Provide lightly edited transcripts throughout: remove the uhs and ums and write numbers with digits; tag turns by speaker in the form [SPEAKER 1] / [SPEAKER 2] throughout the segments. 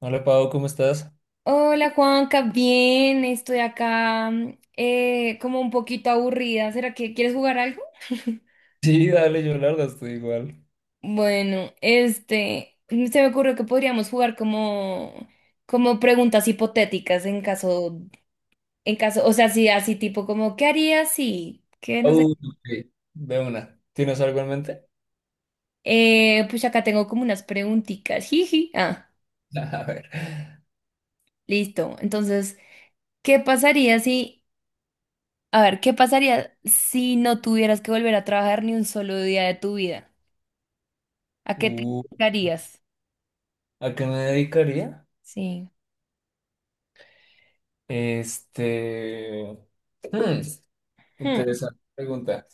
[SPEAKER 1] Hola Pau, ¿cómo estás?
[SPEAKER 2] Hola Juanca, bien, estoy acá como un poquito aburrida. ¿Será que quieres jugar algo?
[SPEAKER 1] Sí, dale, yo la verdad estoy igual.
[SPEAKER 2] Bueno, este, se me ocurrió que podríamos jugar como preguntas hipotéticas en caso, o sea, sí, así tipo como, ¿qué harías si? ¿Qué no sé?
[SPEAKER 1] Ok, de una. ¿Tienes algo en mente?
[SPEAKER 2] Pues acá tengo como unas preguntitas. Jiji. Ah,
[SPEAKER 1] A ver.
[SPEAKER 2] listo. Entonces, ¿qué pasaría si, a ver, ¿qué pasaría si no tuvieras que volver a trabajar ni un solo día de tu vida? ¿A qué te
[SPEAKER 1] Uh,
[SPEAKER 2] dedicarías?
[SPEAKER 1] ¿a qué me dedicaría?
[SPEAKER 2] Sí.
[SPEAKER 1] Este. hmm,
[SPEAKER 2] Hmm.
[SPEAKER 1] interesante pregunta.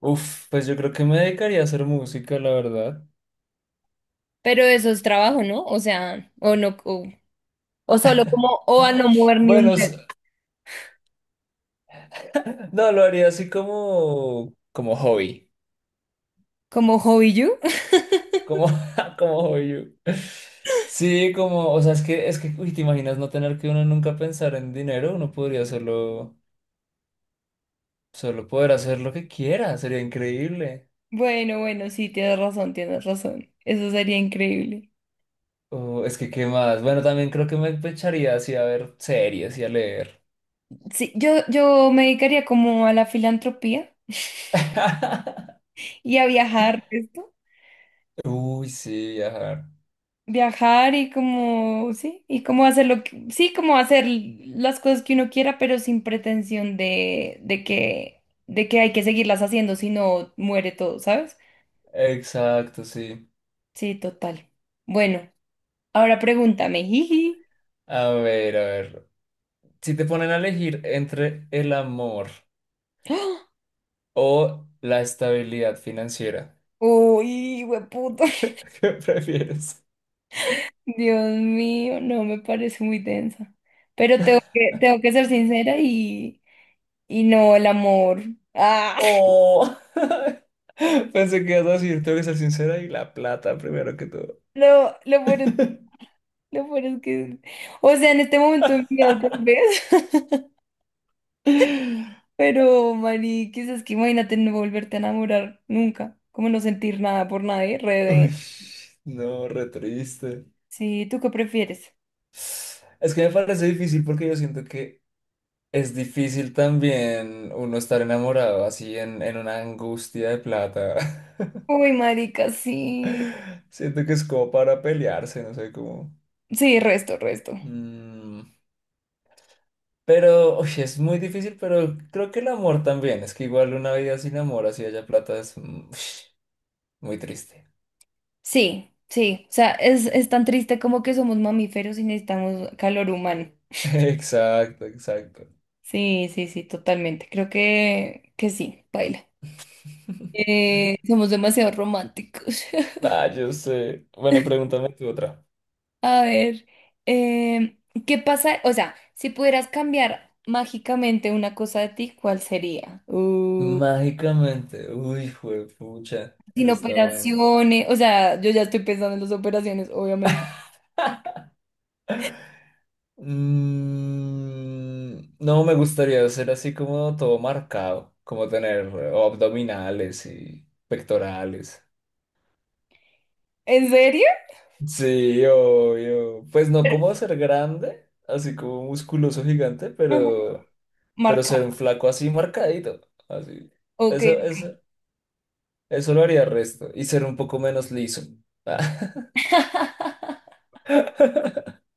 [SPEAKER 1] Uf, pues yo creo que me dedicaría a hacer música, la verdad.
[SPEAKER 2] Pero eso es trabajo, ¿no? O sea, o no, o solo como, o a no mover ni un
[SPEAKER 1] Bueno,
[SPEAKER 2] dedo,
[SPEAKER 1] no, lo haría así como hobby.
[SPEAKER 2] como hobby you.
[SPEAKER 1] Como, como hobby. Sí, como, o sea, es que, uy, te imaginas no tener que uno nunca pensar en dinero, uno podría hacerlo. Solo poder hacer lo que quiera, sería increíble.
[SPEAKER 2] Bueno, bueno, sí, tienes razón, tienes razón. Eso sería increíble.
[SPEAKER 1] O es que, ¿qué más? Bueno, también creo que me echaría así a ver series y a leer.
[SPEAKER 2] Sí, yo me dedicaría como a la filantropía y a viajar, ¿esto?
[SPEAKER 1] Uy, sí, viajar.
[SPEAKER 2] Viajar y como, sí, y como hacer lo que, sí, como hacer las cosas que uno quiera, pero sin pretensión de que hay que seguirlas haciendo, si no muere todo, ¿sabes?
[SPEAKER 1] Exacto, sí.
[SPEAKER 2] Sí, total. Bueno, ahora pregúntame, jiji.
[SPEAKER 1] A ver, a ver. Si te ponen a elegir entre el amor
[SPEAKER 2] ¡Ah!
[SPEAKER 1] o la estabilidad financiera,
[SPEAKER 2] Uy, hueputo.
[SPEAKER 1] ¿qué prefieres?
[SPEAKER 2] Dios mío, no me parece muy densa. Pero tengo que ser sincera y no el amor. Ah,
[SPEAKER 1] Oh, pensé que ibas a decir, tengo que ser sincera y la plata primero que todo.
[SPEAKER 2] lo, lo peor Lo peor es que, o sea, en este momento de mi vida tal vez, pero Mari, quizás que imagínate no volverte a enamorar nunca, como no sentir nada por nadie, re
[SPEAKER 1] Uy,
[SPEAKER 2] de-
[SPEAKER 1] no, re triste.
[SPEAKER 2] Sí, ¿tú qué prefieres?
[SPEAKER 1] Es que me parece difícil porque yo siento que es difícil también uno estar enamorado así en una angustia de plata.
[SPEAKER 2] Uy, marica, sí.
[SPEAKER 1] Siento que es como para pelearse, no sé cómo.
[SPEAKER 2] Sí, resto, resto.
[SPEAKER 1] Mm, pero, uy, es muy difícil, pero creo que el amor también. Es que igual una vida sin amor, así haya plata, es muy triste.
[SPEAKER 2] Sí, sí, o sea, es tan triste como que somos mamíferos y necesitamos calor humano.
[SPEAKER 1] Exacto, exacto.
[SPEAKER 2] Sí, sí, sí, totalmente. Creo que sí, baila. Somos demasiado románticos.
[SPEAKER 1] Ah, yo sé. Bueno, pregúntame tú otra.
[SPEAKER 2] A ver, em, ¿qué pasa? O sea, si pudieras cambiar mágicamente una cosa de ti, ¿cuál sería?
[SPEAKER 1] Mágicamente. Uy, pucha.
[SPEAKER 2] Sin
[SPEAKER 1] Eso está buena.
[SPEAKER 2] operaciones, o sea, yo ya estoy pensando en las operaciones, obviamente.
[SPEAKER 1] No me gustaría ser así como todo marcado, como tener abdominales y pectorales.
[SPEAKER 2] ¿En serio?
[SPEAKER 1] Sí, obvio. Pues no como ser grande, así como musculoso gigante,
[SPEAKER 2] Ajá.
[SPEAKER 1] pero
[SPEAKER 2] Marcar.
[SPEAKER 1] ser un flaco así marcadito. Así.
[SPEAKER 2] Ok.
[SPEAKER 1] Eso, eso, eso lo haría resto. Y ser un poco menos liso.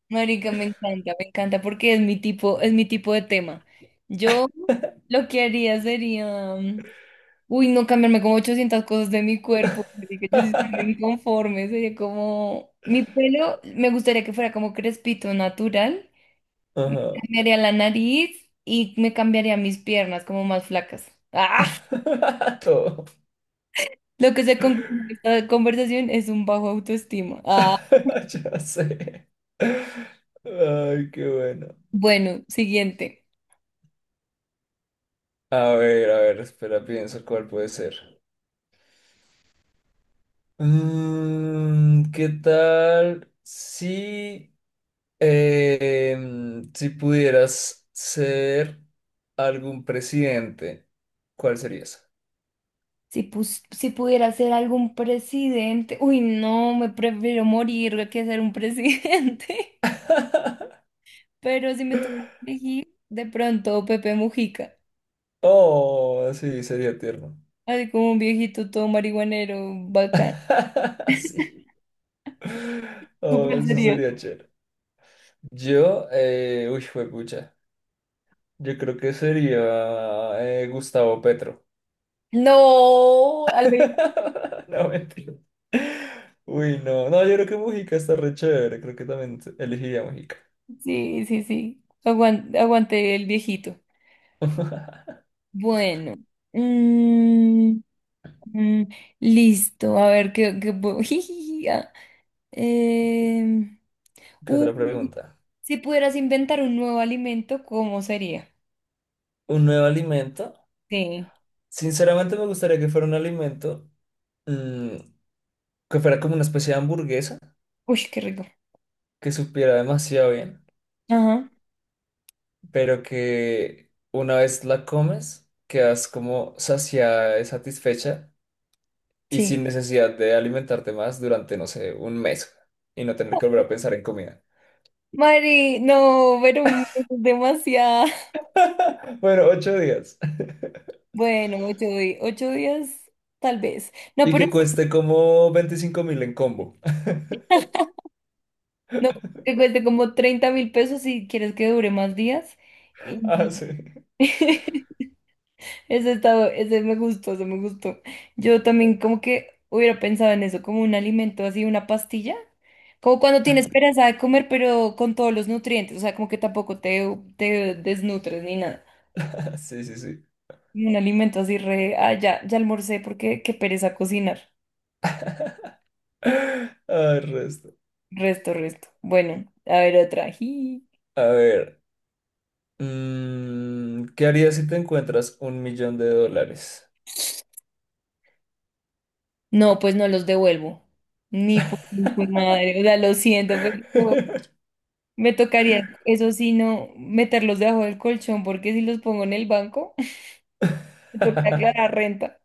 [SPEAKER 2] Marica, me encanta, porque es mi tipo de tema. Yo lo que haría sería Uy, no cambiarme como 800 cosas de mi cuerpo, así que yo sí estoy re inconforme. Sería como, mi pelo me gustaría que fuera como crespito natural. Me
[SPEAKER 1] Ajá.
[SPEAKER 2] cambiaría la nariz y me cambiaría mis piernas como más flacas. ¡Ah!
[SPEAKER 1] Todo.
[SPEAKER 2] Lo que se concluye de esta conversación es un bajo autoestima. ¡Ah!
[SPEAKER 1] Ya sé. Ay, qué bueno.
[SPEAKER 2] Bueno, siguiente.
[SPEAKER 1] A ver, espera, pienso cuál puede ser. ¿Qué tal si pudieras ser algún presidente? ¿Cuál serías?
[SPEAKER 2] Si pudiera ser algún presidente. Uy, no, me prefiero morir que ser un presidente. Pero si me toca elegir, de pronto Pepe Mujica.
[SPEAKER 1] Oh, sí, sería tierno.
[SPEAKER 2] Así como un viejito todo marihuanero, bacán.
[SPEAKER 1] Sí. Oh,
[SPEAKER 2] Súper
[SPEAKER 1] eso
[SPEAKER 2] serio.
[SPEAKER 1] sería chévere. Yo, uy, fue pucha. Yo creo que sería Gustavo Petro.
[SPEAKER 2] No,
[SPEAKER 1] No, mentira. Uy, no. No, yo creo que Mujica está re chévere. Creo que también elegiría Mujica.
[SPEAKER 2] sí, sí, sí. Aguante, el viejito. Bueno. Mm, mm, listo. A ver qué puedo- Jijiji, ah. Em,
[SPEAKER 1] ¿Qué
[SPEAKER 2] uy,
[SPEAKER 1] otra pregunta?
[SPEAKER 2] si pudieras inventar un nuevo alimento, ¿cómo sería?
[SPEAKER 1] ¿Un nuevo alimento?
[SPEAKER 2] Sí.
[SPEAKER 1] Sinceramente me gustaría que fuera un alimento mm, que fuera como una especie de hamburguesa,
[SPEAKER 2] Uy, qué rico.
[SPEAKER 1] que supiera demasiado bien,
[SPEAKER 2] Ajá,
[SPEAKER 1] pero que una vez la comes, quedas como saciada y satisfecha y
[SPEAKER 2] sí.
[SPEAKER 1] sin necesidad de alimentarte más durante, no sé, un mes y no tener que volver a pensar en comida.
[SPEAKER 2] Mari, no, pero es demasiado.
[SPEAKER 1] Bueno, 8 días.
[SPEAKER 2] Bueno, ocho días, tal vez. No,
[SPEAKER 1] Y
[SPEAKER 2] pero
[SPEAKER 1] que cueste como 25.000 en combo.
[SPEAKER 2] no, que cueste como 30.000 pesos si quieres que dure más días.
[SPEAKER 1] Ah, sí.
[SPEAKER 2] Y... ese me gustó, ese me gustó. Yo también como que hubiera pensado en eso, como un alimento así, una pastilla. Como cuando tienes pereza de comer, pero con todos los nutrientes. O sea, como que tampoco te desnutres ni nada.
[SPEAKER 1] Sí, sí, sí.
[SPEAKER 2] Un alimento así re... Ah, ya, ya almorcé porque qué pereza cocinar.
[SPEAKER 1] Ah, el resto.
[SPEAKER 2] Resto, resto. Bueno, a ver otra.
[SPEAKER 1] A ver. ¿Qué harías si te encuentras 1 millón de dólares?
[SPEAKER 2] No, pues no los devuelvo. Ni por madre. O sea, lo siento, pero me tocaría, eso sí, no meterlos debajo del colchón, porque si los pongo en el banco, me toca aclarar renta.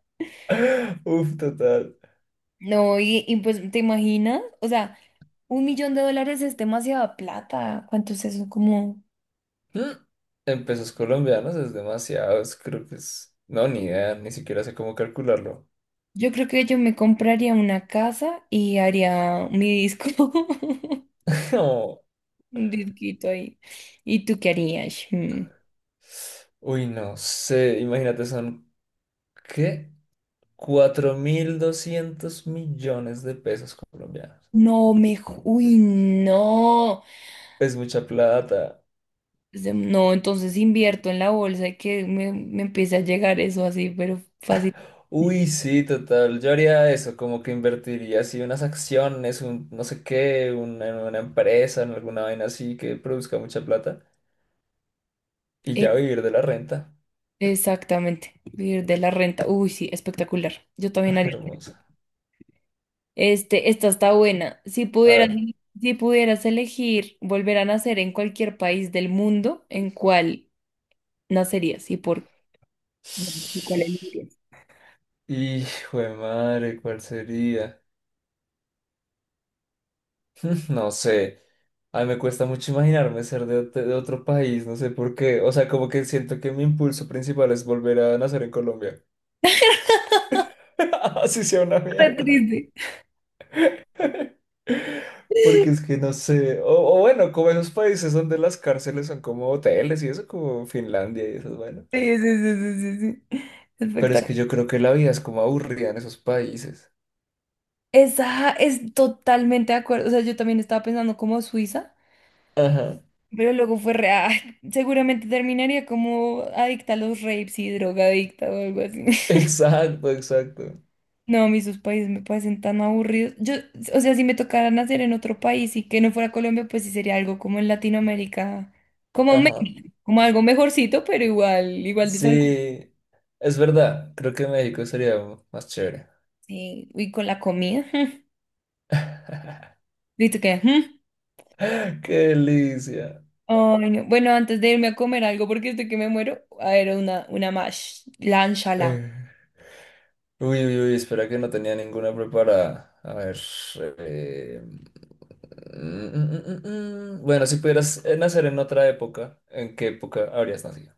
[SPEAKER 1] Uf, total.
[SPEAKER 2] No, y pues, ¿te imaginas? O sea, US$1.000.000 es demasiada plata. ¿Cuánto es eso? Como,
[SPEAKER 1] Mm, En pesos colombianos es demasiado, creo que es... No, ni idea, ni siquiera sé cómo calcularlo.
[SPEAKER 2] yo creo que yo me compraría una casa y haría mi disco, un disquito ahí. ¿Y tú qué harías? Mm.
[SPEAKER 1] Uy, no sé, imagínate, son, ¿qué? 4.200 millones de pesos colombianos.
[SPEAKER 2] No, me... Uy, no.
[SPEAKER 1] Es mucha plata.
[SPEAKER 2] No, entonces invierto en la bolsa y que me empiece a llegar eso así, pero fácil.
[SPEAKER 1] Uy, sí, total. Yo haría eso, como que invertiría así unas acciones, un no sé qué, en una empresa, en alguna vaina así que produzca mucha plata y ya
[SPEAKER 2] E-
[SPEAKER 1] vivir de la renta.
[SPEAKER 2] Exactamente, vivir de la renta. Uy, sí, espectacular. Yo
[SPEAKER 1] Ay,
[SPEAKER 2] también haría.
[SPEAKER 1] hermosa.
[SPEAKER 2] Este, esta está buena. Si
[SPEAKER 1] A
[SPEAKER 2] pudieras,
[SPEAKER 1] ver.
[SPEAKER 2] si pudieras elegir volver a nacer en cualquier país del mundo, ¿en cuál nacerías y por qué? ¿Y cuál elegirías?
[SPEAKER 1] Y, jue madre, ¿cuál sería? No sé, a mí me cuesta mucho imaginarme ser de otro país, no sé por qué. O sea, como que siento que mi impulso principal es volver a nacer en Colombia. Así sea una
[SPEAKER 2] Re
[SPEAKER 1] mierda.
[SPEAKER 2] triste.
[SPEAKER 1] Porque es que no sé. O bueno, como esos países donde las cárceles son como hoteles y eso, como Finlandia y eso, bueno.
[SPEAKER 2] Sí, sí, sí, sí, sí, sí.
[SPEAKER 1] Pero es
[SPEAKER 2] Espectacular.
[SPEAKER 1] que yo creo que la vida es como aburrida en esos países.
[SPEAKER 2] Esa es totalmente de acuerdo. O sea, yo también estaba pensando como Suiza.
[SPEAKER 1] Ajá.
[SPEAKER 2] Pero luego fue re, seguramente terminaría como adicta a los rapes y drogadicta o algo así.
[SPEAKER 1] Exacto, exacto.
[SPEAKER 2] No, a mí sus países me parecen tan aburridos. Yo, o sea, si me tocara nacer en otro país y que no fuera Colombia, pues sí sería algo como en Latinoamérica, como
[SPEAKER 1] Ajá.
[SPEAKER 2] México, como algo mejorcito, pero igual, igual de sangre.
[SPEAKER 1] Sí, es verdad. Creo que México sería más chévere.
[SPEAKER 2] Sí, y con la comida. ¿Viste que? ¿Mm?
[SPEAKER 1] Qué delicia.
[SPEAKER 2] Ay, no. Bueno, antes de irme a comer algo, porque estoy que me muero, a ver, una mash, la
[SPEAKER 1] Eh, Uy, uy, uy, espera que no tenía ninguna preparada. A ver. eh, mm, mm, mm, mm. Bueno, si pudieras nacer en otra época, ¿en qué época habrías nacido?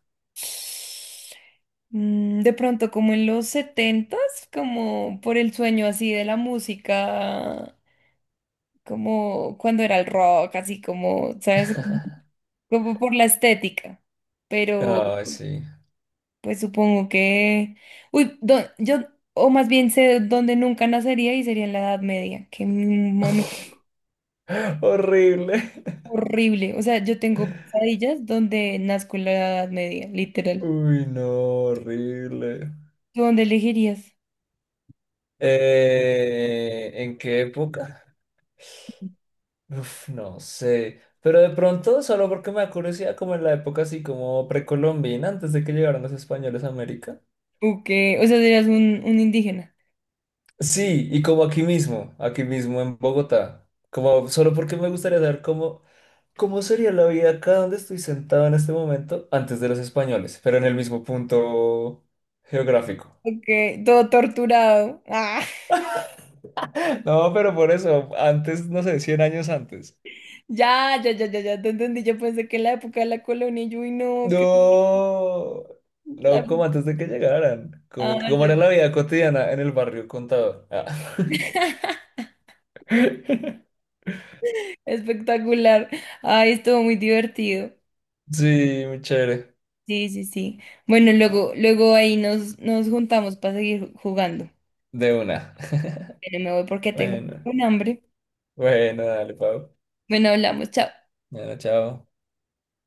[SPEAKER 2] De pronto, como en los 70, como por el sueño así de la música, como cuando era el rock, así como, ¿sabes? Ujú. Como por la estética. Pero,
[SPEAKER 1] Ay, sí.
[SPEAKER 2] pues supongo que... Uy, yo, o más bien sé dónde nunca nacería y sería en la Edad Media, que mami,
[SPEAKER 1] Horrible.
[SPEAKER 2] horrible. O sea, yo tengo pesadillas donde nazco en la Edad Media, literal.
[SPEAKER 1] Uy, no, horrible.
[SPEAKER 2] ¿Tú dónde elegirías?
[SPEAKER 1] ¿En qué época? Uf, no sé. Pero de pronto, solo porque me da curiosidad, como en la época así como precolombina, antes de que llegaran los españoles a América.
[SPEAKER 2] ¿O qué? O sea, serías un indígena.
[SPEAKER 1] Sí, y como aquí mismo en Bogotá, como solo porque me gustaría saber cómo sería la vida acá donde estoy sentado en este momento antes de los españoles, pero en el mismo punto geográfico.
[SPEAKER 2] Ok, todo torturado. Ah,
[SPEAKER 1] No, pero por eso, antes, no sé, 100 años antes.
[SPEAKER 2] ya, ya, ya, ya, ya, te entendí. Yo pensé que en la época de la colonia, yo, uy, no, qué...
[SPEAKER 1] No, no,
[SPEAKER 2] la-
[SPEAKER 1] como antes de que llegaran, como que
[SPEAKER 2] Ah,
[SPEAKER 1] cómo
[SPEAKER 2] ya,
[SPEAKER 1] era
[SPEAKER 2] ya.
[SPEAKER 1] la vida cotidiana en el barrio Contador. Ah.
[SPEAKER 2] Espectacular. Ay, estuvo muy divertido.
[SPEAKER 1] Sí, muy chévere,
[SPEAKER 2] Sí, sí, sí. Bueno, luego, luego ahí nos juntamos para seguir jugando.
[SPEAKER 1] de una.
[SPEAKER 2] Pero me voy porque tengo
[SPEAKER 1] Bueno,
[SPEAKER 2] un hambre.
[SPEAKER 1] bueno, dale, Pau.
[SPEAKER 2] Bueno, hablamos, chao.
[SPEAKER 1] Bueno, chao.